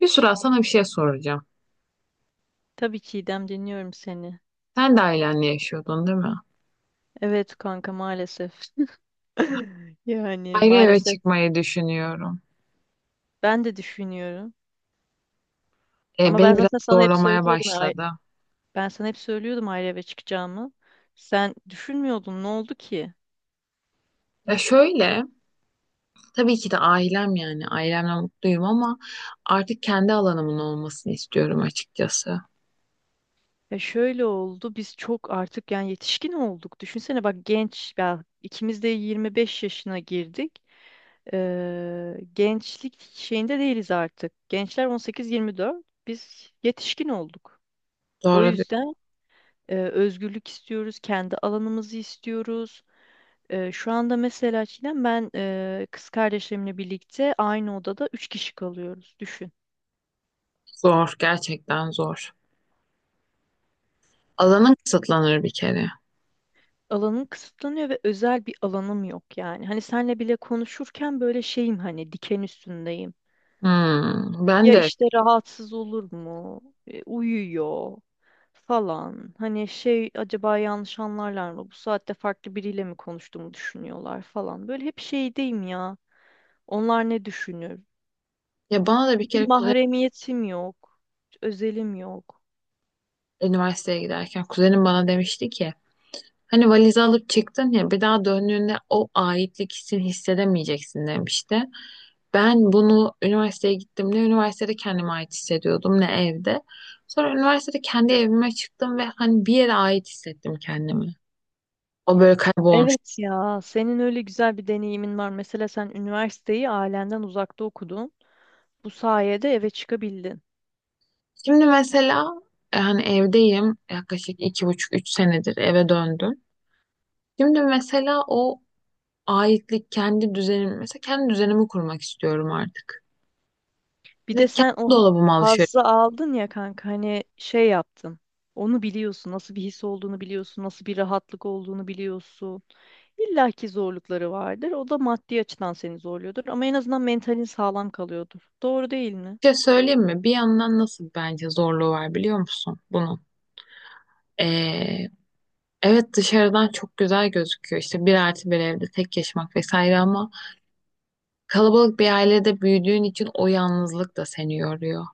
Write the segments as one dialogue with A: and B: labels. A: Yusra sana bir şey soracağım.
B: Tabii ki İdem, dinliyorum seni.
A: Sen de ailenle yaşıyordun değil mi?
B: Evet kanka, maalesef. Yani
A: Ayrı eve
B: maalesef
A: çıkmayı düşünüyorum.
B: ben de düşünüyorum.
A: E,
B: Ama ben
A: beni biraz
B: zaten sana hep
A: zorlamaya
B: söylüyordum.
A: başladı.
B: Ben sana hep söylüyordum ayrı eve çıkacağımı. Sen düşünmüyordun. Ne oldu ki?
A: Ya şöyle, tabii ki de ailemle mutluyum ama artık kendi alanımın olmasını istiyorum açıkçası.
B: Ya şöyle oldu. Biz çok artık yani yetişkin olduk. Düşünsene bak genç ya, ikimiz de 25 yaşına girdik. Gençlik şeyinde değiliz artık. Gençler 18-24. Biz yetişkin olduk. O
A: Doğru diyorsun.
B: yüzden özgürlük istiyoruz, kendi alanımızı istiyoruz. Şu anda mesela Çiğdem ben kız kardeşlerimle birlikte aynı odada üç kişi kalıyoruz. Düşün.
A: Zor, gerçekten zor. Alanın kısıtlanır bir kere.
B: Alanım kısıtlanıyor ve özel bir alanım yok yani. Hani senle bile konuşurken böyle şeyim, hani diken üstündeyim.
A: Hmm, ben
B: Ya
A: de.
B: işte rahatsız olur mu? Uyuyor falan. Hani şey, acaba yanlış anlarlar mı? Bu saatte farklı biriyle mi konuştuğumu düşünüyorlar falan. Böyle hep şeydeyim ya. Onlar ne düşünür?
A: Ya bana da bir
B: Bir
A: kere kuzenim
B: mahremiyetim yok. Özelim yok.
A: üniversiteye giderken kuzenim bana demişti ki hani valizi alıp çıktın ya, bir daha döndüğünde o aitlik hissini hissedemeyeceksin demişti. Ben bunu üniversiteye gittiğimde üniversitede kendime ait hissediyordum ne evde. Sonra üniversitede kendi evime çıktım ve hani bir yere ait hissettim kendimi. O böyle kaybolmuş.
B: Evet ya, senin öyle güzel bir deneyimin var. Mesela sen üniversiteyi ailenden uzakta okudun. Bu sayede eve çıkabildin.
A: Şimdi mesela hani evdeyim, yaklaşık 2,5-3 senedir eve döndüm. Şimdi mesela o aitlik, kendi düzenim mesela kendi düzenimi kurmak istiyorum artık.
B: Bir
A: Ve
B: de
A: kendi
B: sen o ha-
A: dolabıma alışıyorum.
B: hazzı aldın ya kanka, hani şey yaptın. Onu biliyorsun, nasıl bir his olduğunu biliyorsun, nasıl bir rahatlık olduğunu biliyorsun. İlla ki zorlukları vardır. O da maddi açıdan seni zorluyordur ama en azından mentalin sağlam kalıyordur. Doğru değil mi?
A: Bir şey söyleyeyim mi? Bir yandan nasıl bence zorluğu var biliyor musun bunun? Ee, evet, dışarıdan çok güzel gözüküyor. İşte 1+1 evde tek yaşamak vesaire, ama kalabalık bir ailede büyüdüğün için o yalnızlık da seni yoruyor.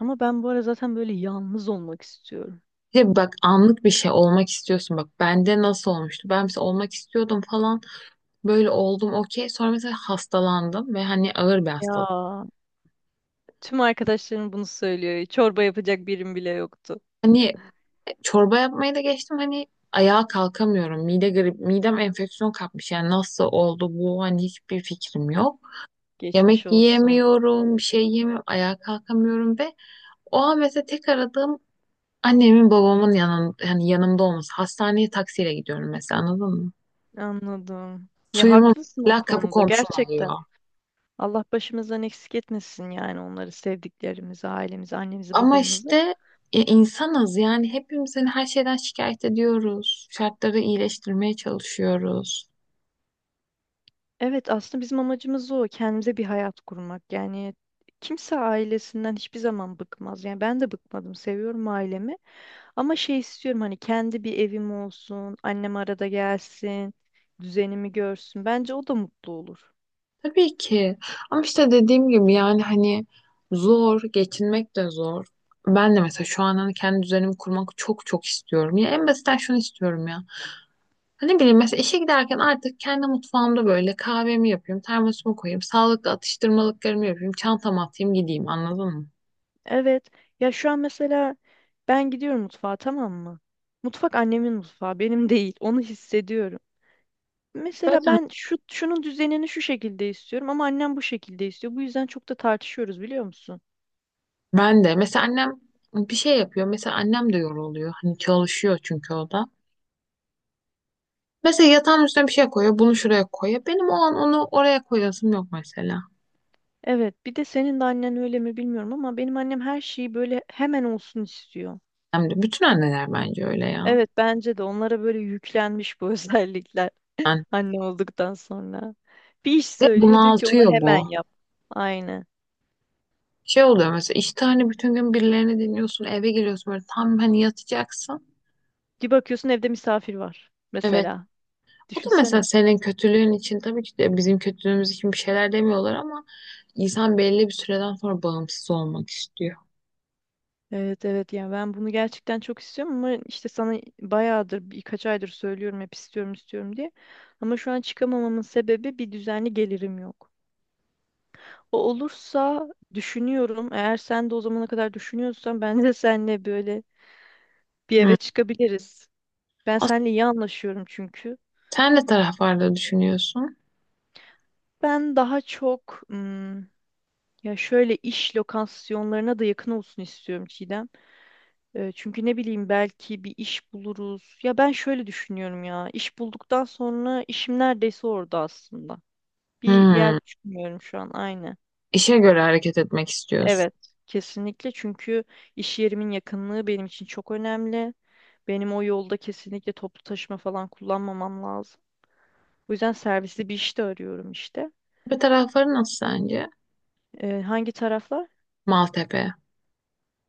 B: Ama ben bu ara zaten böyle yalnız olmak istiyorum.
A: Bir de bak, anlık bir şey olmak istiyorsun. Bak bende nasıl olmuştu? Ben mesela olmak istiyordum falan. Böyle oldum okey. Sonra mesela hastalandım ve hani ağır bir hastalık.
B: Ya, tüm arkadaşlarım bunu söylüyor. Çorba yapacak birim bile yoktu.
A: Hani çorba yapmayı da geçtim, hani ayağa kalkamıyorum. Mide grip, midem enfeksiyon kapmış. Yani nasıl oldu bu? Hani hiçbir fikrim yok.
B: Geçmiş
A: Yemek
B: olsun.
A: yiyemiyorum, bir şey yiyemiyorum, ayağa kalkamıyorum ve o an mesela tek aradığım annemin babamın yani yanımda olması. Hastaneye taksiyle gidiyorum mesela, anladın mı?
B: Anladım. Ya
A: Suyumu
B: haklısın o
A: mesela kapı
B: konuda
A: komşum alıyor.
B: gerçekten. Allah başımızdan eksik etmesin yani onları, sevdiklerimizi, ailemizi, annemizi,
A: Ama
B: babamızı.
A: işte insanız yani, hepimiz hani her şeyden şikayet ediyoruz. Şartları iyileştirmeye çalışıyoruz.
B: Evet aslında bizim amacımız o. Kendimize bir hayat kurmak. Yani kimse ailesinden hiçbir zaman bıkmaz. Yani ben de bıkmadım. Seviyorum ailemi. Ama şey istiyorum, hani kendi bir evim olsun. Annem arada gelsin. Düzenimi görsün. Bence o da mutlu olur.
A: Tabii ki. Ama işte dediğim gibi, yani hani zor, geçinmek de zor. Ben de mesela şu an hani kendi düzenimi kurmak çok çok istiyorum. Ya en basitten şunu istiyorum ya. Hani ne bileyim, mesela işe giderken artık kendi mutfağımda böyle kahvemi yapayım, termosumu koyayım, sağlıklı atıştırmalıklarımı yapayım, çantamı atayım gideyim, anladın mı?
B: Evet. Ya şu an mesela ben gidiyorum mutfağa, tamam mı? Mutfak annemin mutfağı, benim değil. Onu hissediyorum. Mesela
A: Zaten
B: ben şu şunun düzenini şu şekilde istiyorum ama annem bu şekilde istiyor. Bu yüzden çok da tartışıyoruz, biliyor musun?
A: ben de mesela annem bir şey yapıyor. Mesela annem de yoruluyor. Hani çalışıyor çünkü o da. Mesela yatağın üstüne bir şey koyuyor, bunu şuraya koyuyor. Benim o an onu oraya koyasım yok mesela.
B: Evet, bir de senin de annen öyle mi bilmiyorum ama benim annem her şeyi böyle hemen olsun istiyor.
A: Hem de bütün anneler bence öyle ya.
B: Evet, bence de onlara böyle yüklenmiş bu özellikler
A: Yani
B: anne olduktan sonra. Bir iş
A: ve
B: söylüyor, diyor ki onu
A: bunaltıyor
B: hemen
A: bu.
B: yap. Aynen.
A: Şey oluyor mesela, işte hani bütün gün birilerini dinliyorsun, eve geliyorsun, böyle tam hani yatacaksın.
B: Bir bakıyorsun evde misafir var
A: Evet.
B: mesela.
A: O da mesela
B: Düşünsene.
A: senin kötülüğün için, tabii ki de bizim kötülüğümüz için bir şeyler demiyorlar, ama insan belli bir süreden sonra bağımsız olmak istiyor.
B: Evet, evet, yani ben bunu gerçekten çok istiyorum ama işte sana bayağıdır birkaç aydır söylüyorum hep istiyorum istiyorum diye. Ama şu an çıkamamamın sebebi bir düzenli gelirim yok. O olursa düşünüyorum, eğer sen de o zamana kadar düşünüyorsan ben de seninle böyle bir
A: Hmm.
B: eve çıkabiliriz. Ben
A: Aslında
B: seninle iyi anlaşıyorum çünkü.
A: sen de taraflarda düşünüyorsun.
B: Ben daha çok ım, ya şöyle iş lokasyonlarına da yakın olsun istiyorum Çiğdem. Çünkü ne bileyim, belki bir iş buluruz. Ya ben şöyle düşünüyorum ya. İş bulduktan sonra işim neredeyse orada aslında. Bir yer
A: Hmm.
B: düşünmüyorum şu an aynı.
A: İşe göre hareket etmek istiyorsun.
B: Evet. Kesinlikle çünkü iş yerimin yakınlığı benim için çok önemli. Benim o yolda kesinlikle toplu taşıma falan kullanmamam lazım. Bu yüzden servisli bir iş de arıyorum işte.
A: Bir tarafları nasıl sence?
B: Hangi taraflar?
A: Maltepe.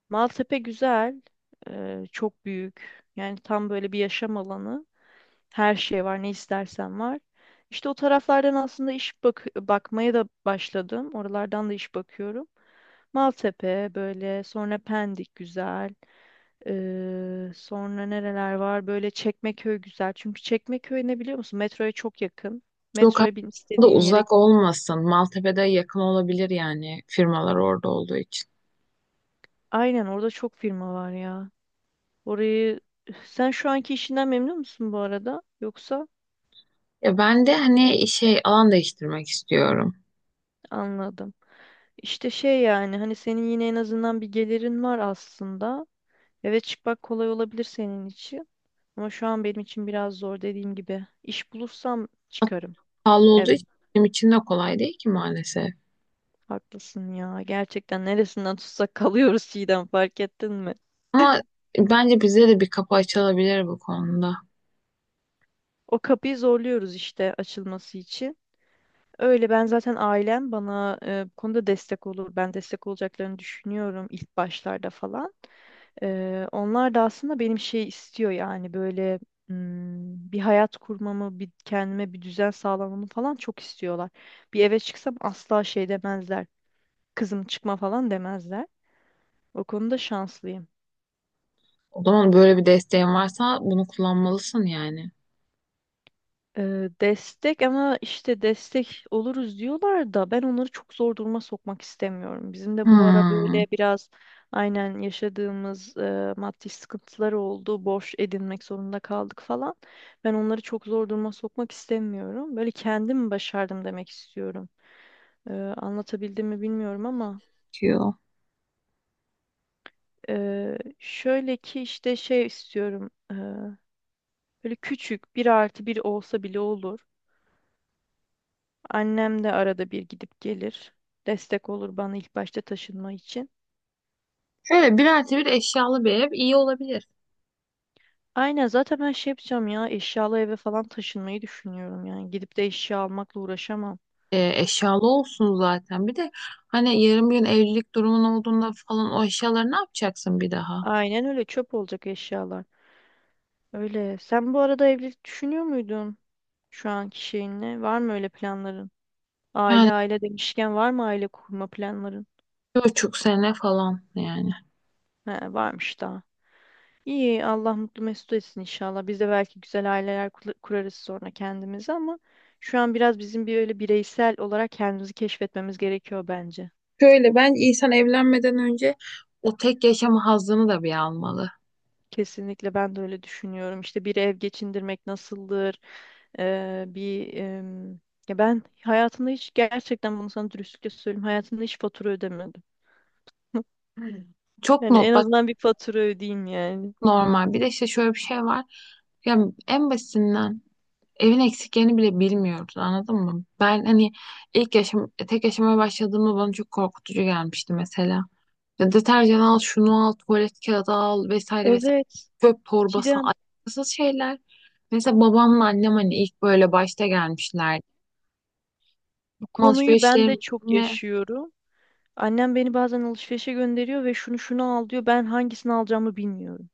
B: Maltepe güzel. Çok büyük. Yani tam böyle bir yaşam alanı. Her şey var, ne istersen var. İşte o taraflardan aslında iş bak bakmaya da başladım. Oralardan da iş bakıyorum. Maltepe böyle, sonra Pendik güzel. Sonra nereler var? Böyle Çekmeköy güzel. Çünkü Çekmeköy ne, biliyor musun? Metroya çok yakın.
A: Yok
B: Metroya bin,
A: aslında
B: istediğin yere.
A: uzak olmasın. Maltepe'de yakın olabilir yani, firmalar orada olduğu için.
B: Aynen, orada çok firma var ya. Orayı sen şu anki işinden memnun musun bu arada? Yoksa
A: Ya ben de hani şey, alan değiştirmek istiyorum.
B: anladım. İşte şey yani, hani senin yine en azından bir gelirin var aslında. Evet, çıkmak kolay olabilir senin için. Ama şu an benim için biraz zor dediğim gibi. İş bulursam çıkarım.
A: Pahalı olduğu
B: Evet,
A: için benim için de kolay değil ki maalesef.
B: haklısın ya. Gerçekten neresinden tutsak kalıyoruz Çiğdem, fark ettin mi?
A: Ama bence bize de bir kapı açılabilir bu konuda.
B: O kapıyı zorluyoruz işte, açılması için. Öyle, ben zaten ailem bana bu konuda destek olur. Ben destek olacaklarını düşünüyorum ilk başlarda falan. Onlar da aslında benim şey istiyor yani, böyle bir hayat kurmamı, bir kendime bir düzen sağlamamı falan çok istiyorlar. Bir eve çıksam asla şey demezler. Kızım çıkma falan demezler. O konuda şanslıyım.
A: O zaman böyle bir desteğin varsa bunu kullanmalısın yani.
B: Destek, ama işte destek oluruz diyorlar da ben onları çok zor duruma sokmak istemiyorum. Bizim de bu ara
A: Hmm,
B: böyle biraz aynen yaşadığımız maddi sıkıntılar oldu. Borç edinmek zorunda kaldık falan. Ben onları çok zor duruma sokmak istemiyorum. Böyle kendim başardım demek istiyorum. Anlatabildim mi bilmiyorum ama
A: diyor.
B: şöyle ki işte şey istiyorum. Böyle küçük bir artı bir olsa bile olur. Annem de arada bir gidip gelir. Destek olur bana ilk başta taşınma için.
A: Şöyle 1+1 eşyalı bir ev iyi olabilir.
B: Aynen, zaten ben şey yapacağım ya, eşyalı eve falan taşınmayı düşünüyorum yani. Gidip de eşya almakla uğraşamam.
A: Eşyalı olsun zaten. Bir de hani yarın bir gün evlilik durumun olduğunda falan, o eşyaları ne yapacaksın bir daha?
B: Aynen öyle, çöp olacak eşyalar. Öyle. Sen bu arada evlilik düşünüyor muydun şu anki şeyinle? Var mı öyle planların?
A: Yani
B: Aile aile demişken var mı aile kurma planların?
A: 1,5 sene falan yani.
B: He, varmış daha. İyi, Allah mutlu mesut etsin inşallah. Biz de belki güzel aileler kurarız sonra kendimize ama şu an biraz bizim bir öyle bireysel olarak kendimizi keşfetmemiz gerekiyor bence.
A: Şöyle, ben insan evlenmeden önce o tek yaşama hazzını da bir almalı.
B: Kesinlikle, ben de öyle düşünüyorum. İşte bir ev geçindirmek nasıldır? Ee, bir em, ya ben hayatımda hiç, gerçekten bunu sana dürüstlükle söyleyeyim. Hayatımda hiç fatura ödemedim.
A: Çok
B: Yani
A: no,
B: en
A: bak,
B: azından bir fatura ödeyeyim yani.
A: normal. Bir de işte şöyle bir şey var. Ya en basitinden, evin eksiklerini bile bilmiyoruz, anladın mı? Ben hani ilk yaşam tek yaşamaya başladığımda bana çok korkutucu gelmişti mesela. Ya deterjan al, şunu al, tuvalet kağıdı al vesaire vesaire.
B: Evet.
A: Çöp torbası,
B: Çiğdem,
A: alakasız şeyler. Mesela babamla annem hani ilk böyle başta gelmişler.
B: bu konuyu ben de çok
A: Alışverişlerimi
B: yaşıyorum. Annem beni bazen alışverişe gönderiyor ve şunu şunu al diyor. Ben hangisini alacağımı bilmiyorum.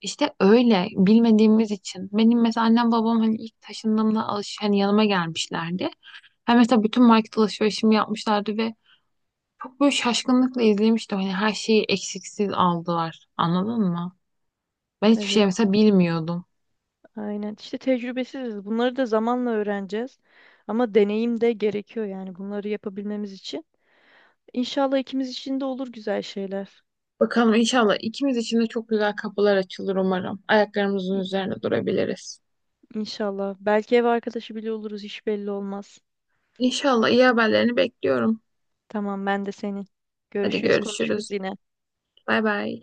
A: işte öyle bilmediğimiz için. Benim mesela annem babam hani ilk taşındığımda hani yanıma gelmişlerdi. Hani mesela bütün market alışverişimi yapmışlardı ve çok böyle şaşkınlıkla izlemiştim. Hani her şeyi eksiksiz aldılar. Anladın mı? Ben hiçbir şey
B: Evet,
A: mesela bilmiyordum.
B: aynen. İşte tecrübesiziz. Bunları da zamanla öğreneceğiz. Ama deneyim de gerekiyor yani bunları yapabilmemiz için. İnşallah ikimiz için de olur güzel şeyler.
A: Bakalım inşallah ikimiz için de çok güzel kapılar açılır umarım. Ayaklarımızın
B: İ-
A: üzerine durabiliriz.
B: İnşallah. Belki ev arkadaşı bile oluruz. Hiç belli olmaz.
A: İnşallah iyi haberlerini bekliyorum.
B: Tamam, ben de senin.
A: Hadi
B: Görüşürüz,
A: görüşürüz.
B: konuşuruz yine.
A: Bay bay.